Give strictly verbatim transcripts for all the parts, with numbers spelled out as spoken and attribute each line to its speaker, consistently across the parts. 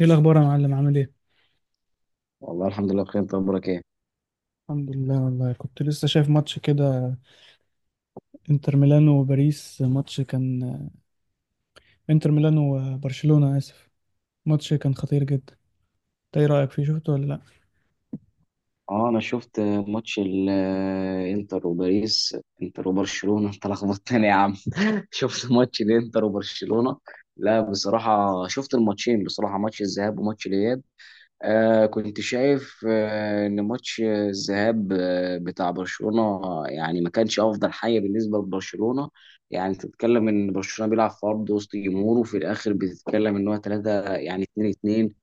Speaker 1: ايه الاخبار يا معلم؟ عامل ايه؟
Speaker 2: والله الحمد لله بخير. انت اخبارك ايه؟
Speaker 1: الحمد لله، والله كنت لسه شايف ماتش كده. انتر ميلانو وباريس، ماتش كان انتر ميلانو وبرشلونة، اسف. ماتش كان خطير جدا. انت ايه رأيك فيه؟ شفته ولا لا؟
Speaker 2: اه، انا شفت ماتش الانتر وباريس، انتر وبرشلونه. انت لخبطتني يا عم. شفت ماتش الانتر وبرشلونه. لا، بصراحه شفت الماتشين، بصراحه ماتش الذهاب وماتش الاياب. آه كنت شايف، آه ان ماتش الذهاب آه بتاع برشلونه يعني ما كانش افضل حاجه بالنسبه لبرشلونه. يعني تتكلم ان برشلونه بيلعب في ارض وسط جمهوره، وفي الاخر بتتكلم ان هو ثلاثه، يعني اتنين اتنين.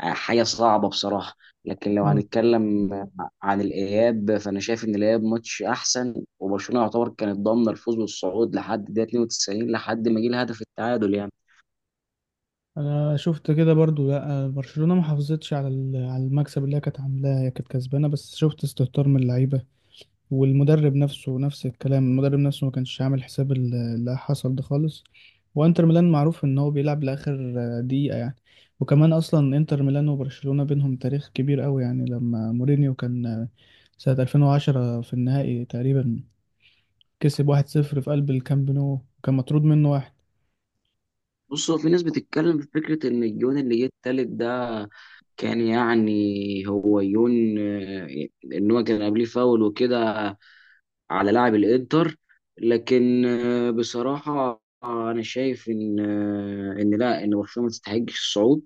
Speaker 2: آه، حاجه صعبه بصراحه. لكن لو
Speaker 1: اه،
Speaker 2: هنتكلم عن الاياب، فانا شايف ان الاياب ماتش احسن، وبرشلونه يعتبر كانت ضامنه الفوز والصعود لحد دقيقه اتنين وتسعين، لحد ما جه الهدف التعادل يعني.
Speaker 1: انا شفت كده برضو. لا، برشلونة ما حافظتش على ال- على المكسب اللي هي كانت عاملاه، هي كانت كسبانة، بس شفت استهتار من اللعيبة والمدرب نفسه. نفس الكلام، المدرب نفسه ما كانش عامل حساب ال- اللي حصل ده خالص. وانتر ميلان معروف ان هو بيلعب لاخر دقيقة يعني. وكمان اصلا انتر ميلان وبرشلونة بينهم تاريخ كبير قوي، يعني لما مورينيو كان سنة ألفين وعشرة في النهائي تقريبا، كسب واحد صفر في قلب الكامب نو وكان مطرود منه واحد.
Speaker 2: بص، هو في ناس بتتكلم في فكره ان الجون اللي جه التالت ده كان يعني، هو يون، آه، ان هو كان قبليه فاول وكده، على لاعب الانتر. لكن آه، بصراحة انا شايف ان، آه، ان لا، ان برشلونة ما تستحقش الصعود.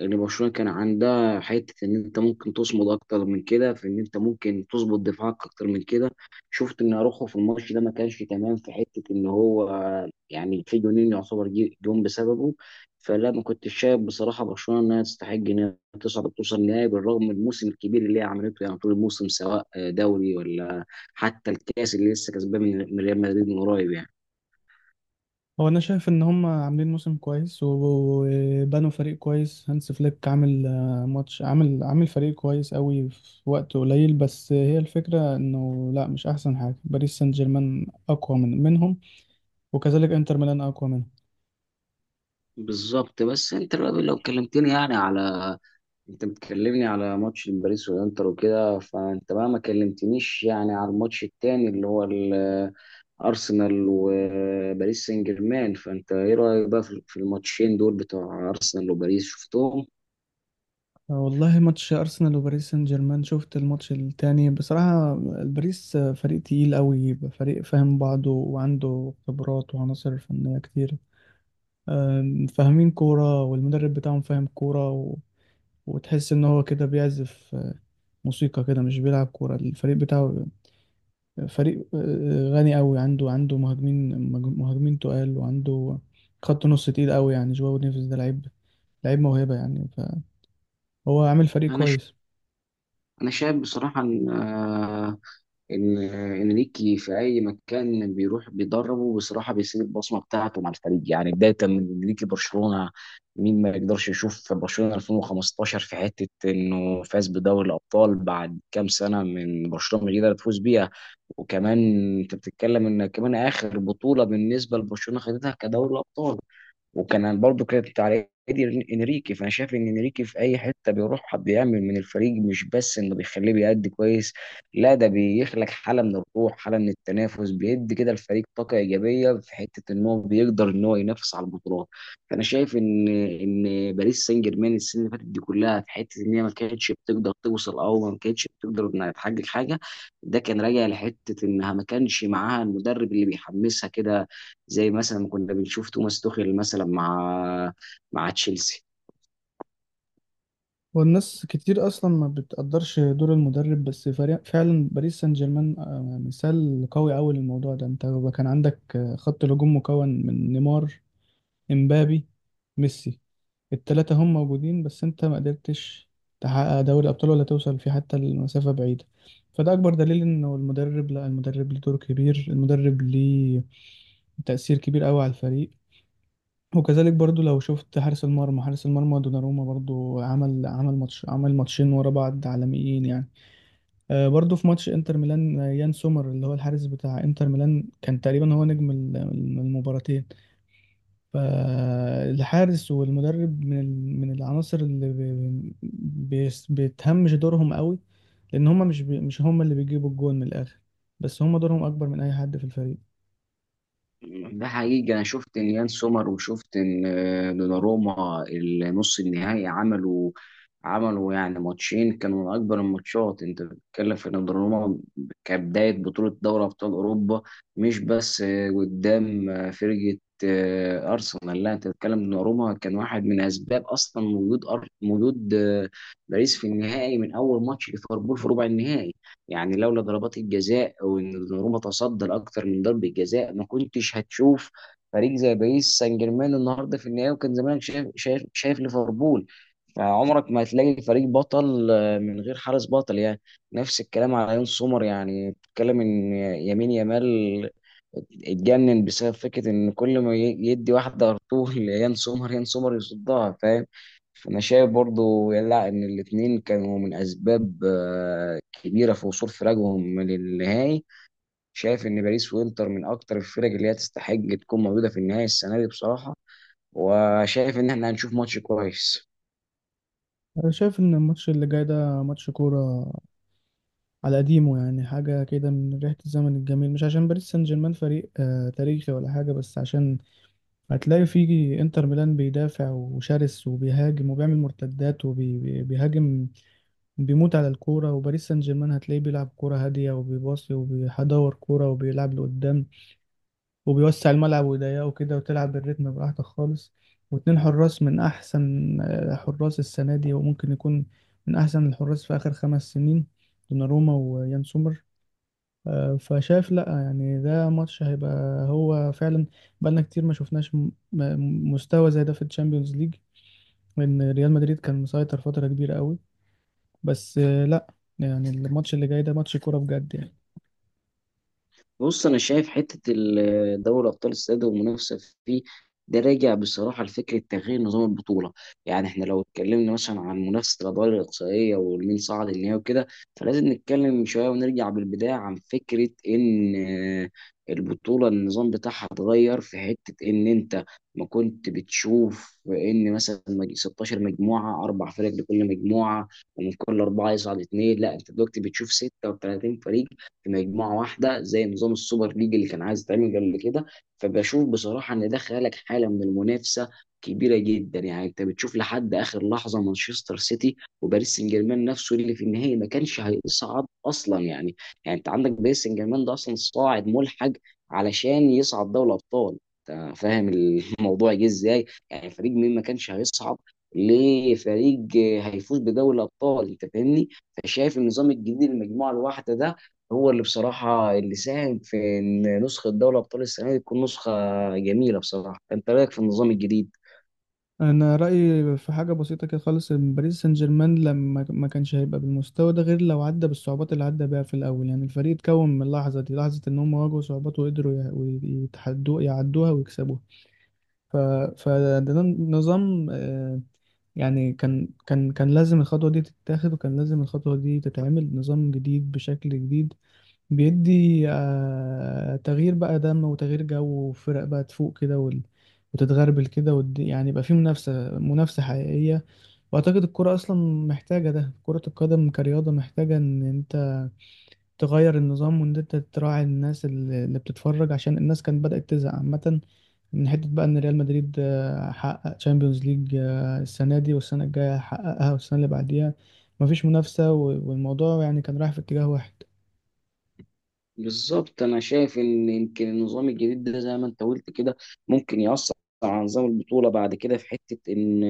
Speaker 2: ان برشلونة كان عندها حتة ان انت ممكن تصمد اكتر من كده، في ان انت ممكن تظبط دفاعك اكتر من كده. شفت ان اروخو في الماتش ده ما كانش تمام، في حتة ان هو آه، يعني في جونين يعتبر جي- جون بسببه. فلا، ما كنتش شايف بصراحة برشلونة انها تستحق انها تصعد وتوصل النهائي، بالرغم من الموسم الكبير اللي هي عملته يعني طول الموسم، سواء آه، دوري، ولا حتى الكاس اللي لسه كسبان من من ريال مدريد من قريب يعني.
Speaker 1: هو انا شايف ان هم عاملين موسم كويس و- وبنوا فريق كويس. هانس فليك عامل آه، ماتش، عامل عامل فريق كويس قوي في وقت قليل، بس هي الفكرة انه لا، مش احسن حاجة. باريس سان جيرمان اقوى من منهم، وكذلك انتر ميلان اقوى منهم.
Speaker 2: بالظبط. بس انت بقى لو كلمتني يعني على، انت بتكلمني على ماتش باريس والانتر وكده، فانت بقى ما كلمتنيش يعني على الماتش التاني اللي هو ال- ارسنال وباريس سان جيرمان. فانت ايه رايك بقى في في الماتشين دول بتوع ارسنال وباريس؟ شفتهم؟
Speaker 1: والله، ماتش ارسنال وباريس سان جيرمان شفت الماتش التاني بصراحة. باريس فريق تقيل قوي، فريق فاهم بعضه وعنده خبرات وعناصر فنية كتير، آم، فاهمين كورة، والمدرب بتاعهم فاهم كورة. وتحس ان هو كده بيعزف موسيقى كده، مش بيلعب كورة. الفريق بتاعه فريق غني قوي، عنده عنده مهاجمين، مهاجمين تقال، وعنده خط نص تقيل قوي، يعني جواو نيفيز ده لعيب، لعيب موهبة يعني. فهو عامل فريق
Speaker 2: انا ش...
Speaker 1: كويس.
Speaker 2: انا شايف بصراحه ان، ان انريكي في اي مكان بيروح بيدربه بصراحه بيسيب البصمه بتاعته مع الفريق. يعني بدايه من انريكي برشلونه، مين ما يقدرش يشوف برشلونه الفين وخمستاشر في حته انه فاز بدوري الابطال بعد كام سنه من برشلونه مش قادر تفوز بيها. وكمان انت بتتكلم ان كمان اخر بطوله بالنسبه لبرشلونه خدتها كدوري الابطال، وكان برضه كانت على ايدي انريكي. فانا شايف ان انريكي في اي حته بيروح بيعمل من الفريق مش بس انه بيخليه بيأدي كويس، لا، ده بيخلق حاله من الروح، حاله من التنافس، بيدي كده الفريق طاقه ايجابيه، في حته ان هو بيقدر ان هو ينافس على البطولات. فانا شايف ان ان باريس سان جيرمان السنه اللي فاتت دي كلها، في حته ان هي ما كانتش بتقدر توصل او ما كانتش بتقدر انها تحقق حاجه، ده كان راجع لحته انها ما كانش معاها المدرب اللي بيحمسها كده، زي مثلا ما كنا بنشوف توماس توخيل مثلا مع مع تشيلسي.
Speaker 1: والناس كتير اصلا ما بتقدرش دور المدرب، بس فريق فعلا باريس سان جيرمان آه، مثال قوي قوي للموضوع ده. انت كان عندك آه، خط الهجوم مكون من نيمار، امبابي، ميسي، التلاتة هم موجودين، بس انت ما قدرتش تحقق دوري ابطال ولا توصل في حتى المسافة بعيدة. فده اكبر دليل انه المدرب، لا، المدرب ليه دور كبير، المدرب ليه تأثير كبير قوي على الفريق. وكذلك برضو لو شفت حارس المرمى، حارس المرمى دوناروما برضو عمل عمل ماتش، عمل ماتشين ورا بعض عالميين يعني. آه، برضو في ماتش انتر ميلان، آه، يان سومر اللي هو الحارس بتاع انتر ميلان كان تقريبا هو نجم ال- المباراتين. فالحارس والمدرب من ال- من العناصر اللي بي- بيس- بتهمش دورهم قوي، لان هما مش بي مش هما اللي بيجيبوا الجون من الاخر، بس هما دورهم اكبر من اي حد في الفريق.
Speaker 2: ده حقيقي. انا شفت ان يان سومر، وشفت ان آه، دوناروما النص النهائي عملوا، عملوا يعني ماتشين كانوا من اكبر الماتشات. انت بتتكلم في ان دوناروما كبدايه بطوله دوري ابطال اوروبا، مش بس آه، قدام، آه، فرقه، آه، ارسنال. لا، انت بتتكلم دوناروما كان واحد من اسباب اصلا وجود، أر- وجود آه، باريس في النهائي، من اول ماتش ليفربول في ربع النهائي. يعني لولا ضربات الجزاء وان دوناروما تصدى لاكتر من ضربه جزاء، ما كنتش هتشوف فريق زي باريس سان جيرمان النهارده في النهائي، وكان زمانك شايف شايف, شايف ليفربول. فعمرك ما هتلاقي فريق بطل آه، من غير حارس بطل يعني. نفس الكلام على يون سومر. يعني بتتكلم ان يمين يامال اتجنن بسبب فكره ان كل ما ي- يدي واحده ارطول يان سومر، يان سومر يصدها، فاهم؟ فانا شايف برضو، لا، ان الاتنين كانوا من اسباب آه، كبيره في وصول فراقهم للنهائي. شايف ان باريس وانتر من اكتر الفرق اللي هي تستحق تكون موجوده في النهائي السنه دي بصراحه. وشايف ان احنا هنشوف ماتش كويس.
Speaker 1: انا شايف ان الماتش اللي جاي ده ماتش كورة على قديمه، يعني حاجة كده من ريحة الزمن الجميل، مش عشان باريس سان جيرمان فريق آه، تاريخي ولا حاجة، بس عشان هتلاقي فيه انتر ميلان بيدافع وشرس وبيهاجم وبيعمل مرتدات وبيهاجم، بيموت على الكورة، وباريس سان جيرمان هتلاقيه بيلعب كورة هادية وبيباصي وبيدور كورة وبيلعب لقدام وبيوسع الملعب ويضيقه كده، وتلعب بالريتم براحتك خالص. واتنين حراس من أحسن آه، حراس السنة دي، وممكن يكون من أحسن الحراس في آخر خمس سنين، دوناروما ويان سومر. آه، فشايف لأ يعني ده ماتش هيبقى، هو فعلا بقالنا كتير ما شفناش م- م- مستوى زي ده في الشامبيونز ليج، لأن ريال مدريد كان مسيطر فترة كبيرة قوي. بس آه، لا يعني، الماتش اللي جاي ده ماتش كورة بجد يعني.
Speaker 2: بص، انا شايف حته ال- دوري ابطال السادة والمنافسه فيه، ده راجع بصراحه لفكره تغيير نظام البطوله. يعني احنا لو اتكلمنا مثلا عن منافسه الادوار الاقصائيه والمين صعد النهائي وكده، فلازم نتكلم شويه ونرجع بالبدايه عن فكره ان، آه، البطوله النظام بتاعها اتغير، في حته ان انت ما كنت بتشوف ان مثلا مج- ستاشر مجموعه، اربع فرق لكل مجموعه، ومن كل اربعه يصعد اثنين. لا، انت دلوقتي بتشوف ستة وثلاثين فريق في مجموعه واحده، زي نظام السوبر ليج اللي كان عايز يتعمل قبل كده. فبشوف بصراحه ان ده خلق حاله من المنافسه كبيره جدا. يعني انت بتشوف لحد اخر لحظه، مانشستر سيتي وباريس سان جيرمان نفسه اللي في النهائي ما كانش هيصعد اصلا يعني. يعني انت عندك باريس سان جيرمان ده اصلا صاعد ملحق علشان يصعد دوري الابطال. انت فاهم الموضوع جه ازاي؟ يعني فريق مين ما كانش هيصعد لفريق هيفوز بدوري الابطال، انت فاهمني؟ فشايف النظام الجديد المجموعه الواحده ده هو اللي بصراحة اللي ساهم في إن نسخة دوري أبطال السنة دي تكون نسخة جميلة بصراحة. أنت رأيك في النظام الجديد؟
Speaker 1: انا رأيي في حاجة بسيطة كده خالص، إن باريس سان جيرمان لما ما كانش هيبقى بالمستوى ده غير لو عدى بالصعوبات اللي عدى بيها في الاول. يعني الفريق اتكون من اللحظة دي، لحظة ان هم واجهوا صعوبات وقدروا يع- ويتحدوا يعدوها ويكسبوها. ف... فده نظام آه، يعني، كان كان كان لازم الخطوة دي تتاخد، وكان لازم الخطوة دي تتعمل نظام جديد بشكل جديد، بيدي آه، تغيير بقى دم، وتغيير جو، وفرق بقى تفوق كده وال... وتتغربل كده ود... يعني يبقى في منافسة منافسة حقيقية. وأعتقد الكرة أصلا محتاجة ده، كرة القدم كرياضة محتاجة إن أنت تغير النظام، وإن أنت تراعي الناس اللي اللي بتتفرج، عشان الناس كانت بدأت تزهق عامة من حتة بقى إن ريال مدريد آه، حقق تشامبيونز ليج السنة دي، والسنة الجاية حققها، والسنة اللي بعديها. مفيش منافسة، و- والموضوع يعني كان رايح في اتجاه واحد.
Speaker 2: بالظبط. انا شايف ان يمكن النظام الجديد ده زي ما انت قلت كده ممكن يأثر على نظام البطولة بعد كده، في حتة ان،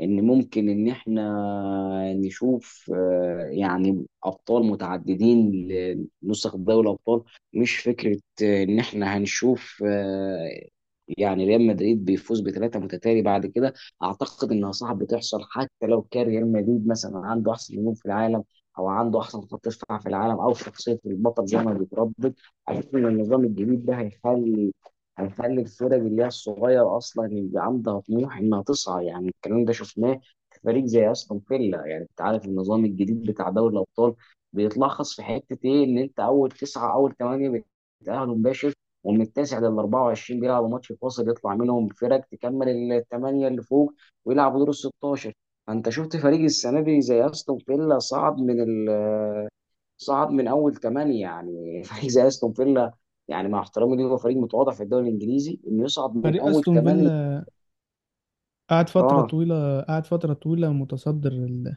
Speaker 2: ان ممكن ان احنا نشوف، آه، يعني ابطال متعددين لنسخ دوري الابطال. مش فكرة آه، ان احنا هنشوف، آه، يعني ريال مدريد بيفوز بثلاثة متتالي بعد كده. اعتقد انها صعب تحصل، حتى لو كان ريال مدريد مثلا عنده احسن نجوم في العالم، او عنده احسن خط دفاع في العالم، او شخصيه البطل زي ما بيتربط. اشوف ان النظام الجديد ده هيخلي، هيخلي الفرق اللي هي الصغيره اصلا يبقى عندها طموح انها تسعى. يعني الكلام ده شفناه في فريق زي استون فيلا. يعني انت عارف النظام الجديد بتاع دوري الابطال بيتلخص في حته ايه؟ ان انت اول تسعه، اول ثمانيه بيتاهلوا مباشر، ومن التاسع لل اربعه وعشرين بيلعبوا ماتش فاصل يطلع منهم فرق تكمل الثمانيه اللي فوق ويلعبوا دور ال ستاشر. انت شفت فريق السنه دي زي استون فيلا صعد من ال صعد من اول ثمانيه يعني. فريق زي استون فيلا، يعني مع احترامي ليه هو فريق متواضع في الدوري الانجليزي، انه يصعد من
Speaker 1: فريق
Speaker 2: اول
Speaker 1: أستون
Speaker 2: ثمانيه.
Speaker 1: فيلا قعد فترة
Speaker 2: اه.
Speaker 1: طويلة قعد فترة طويلة متصدر ال...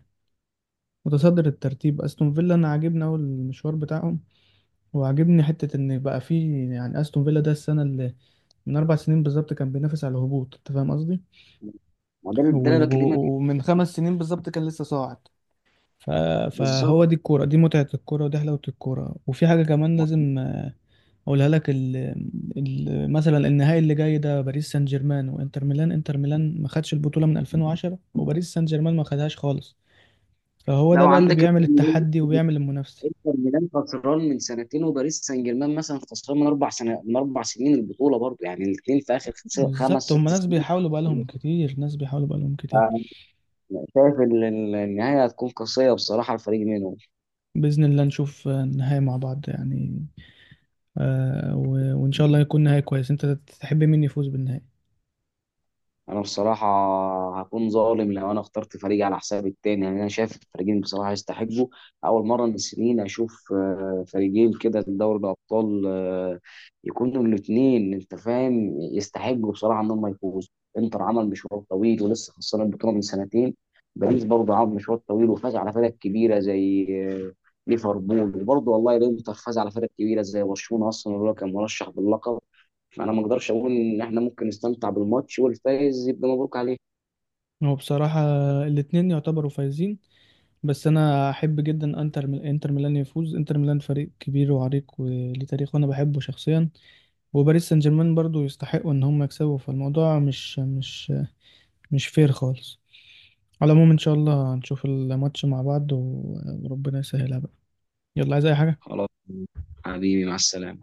Speaker 1: متصدر الترتيب. أستون فيلا أنا عاجبني أوي المشوار بتاعهم، وعاجبني حتة إن بقى فيه يعني أستون فيلا ده السنة اللي من أربع سنين بالظبط كان بينافس على الهبوط. أنت فاهم قصدي؟
Speaker 2: ما ده ده اللي
Speaker 1: و-
Speaker 2: انا بكلمك فيه.
Speaker 1: و- ومن خمس سنين بالظبط كان لسه صاعد. ف-
Speaker 2: بالظبط.
Speaker 1: فهو دي الكورة، دي متعة الكورة، ودي حلاوة الكورة. وفي حاجة كمان لازم أقولها لك، ال ال مثلا النهائي اللي جاي ده، باريس سان جيرمان وإنتر ميلان. إنتر ميلان ما خدش البطولة من ألفين وعشرة، وباريس سان جيرمان ما خدهاش خالص. فهو ده
Speaker 2: لو
Speaker 1: بقى اللي
Speaker 2: عندك انتر
Speaker 1: بيعمل
Speaker 2: ميلان،
Speaker 1: التحدي وبيعمل المنافسة.
Speaker 2: انتر ميلان خسران من سنتين، وباريس سان جيرمان مثلا خسران من اربع سنة، من اربع سنين البطوله برضه، يعني الاثنين في اخر خس- خمس
Speaker 1: بالظبط، هما
Speaker 2: ست
Speaker 1: ناس
Speaker 2: سنين.
Speaker 1: بيحاولوا بقالهم كتير، ناس بيحاولوا بقالهم كتير.
Speaker 2: شايف ال- ال- النهايه هتكون قاسيه بصراحه الفريق منهم.
Speaker 1: بإذن الله نشوف النهائي مع بعض يعني، آه، و- وإن شاء الله يكون نهائي كويس. أنت تحب مين يفوز بالنهائي؟
Speaker 2: انا بصراحه هكون ظالم لو انا اخترت فريق على حساب التاني. يعني انا شايف الفريقين بصراحه يستحقوا. اول مره من سنين اشوف آه، فريقين كده في دوري الابطال، آه، يكونوا الاثنين، انت فاهم، يستحقوا بصراحه ان هم يفوزوا. انتر عمل مشوار طويل ولسه خسران البطوله من سنتين، باريس برضه عمل مشوار طويل وفاز على فرق كبيره زي آه، ليفربول، وبرضه والله الانتر فاز على فرق كبيره زي برشلونه اصلا اللي هو كان مرشح باللقب. فانا ما اقدرش اقول، ان احنا ممكن نستمتع بالماتش، والفايز يبقى مبروك عليه.
Speaker 1: هو بصراحة الاتنين يعتبروا فايزين، بس انا احب جدا انتر ميل- انتر ميلان يفوز. انتر ميلان فريق كبير وعريق وليه تاريخ وانا بحبه شخصيا، وباريس سان جيرمان برضو يستحقوا ان هم يكسبوا. فالموضوع مش مش مش فير خالص. على العموم ان شاء الله هنشوف الماتش مع بعض، و- وربنا يسهلها بقى. يلا، عايز اي حاجة؟
Speaker 2: خلاص. حبيبي، مع السلامة.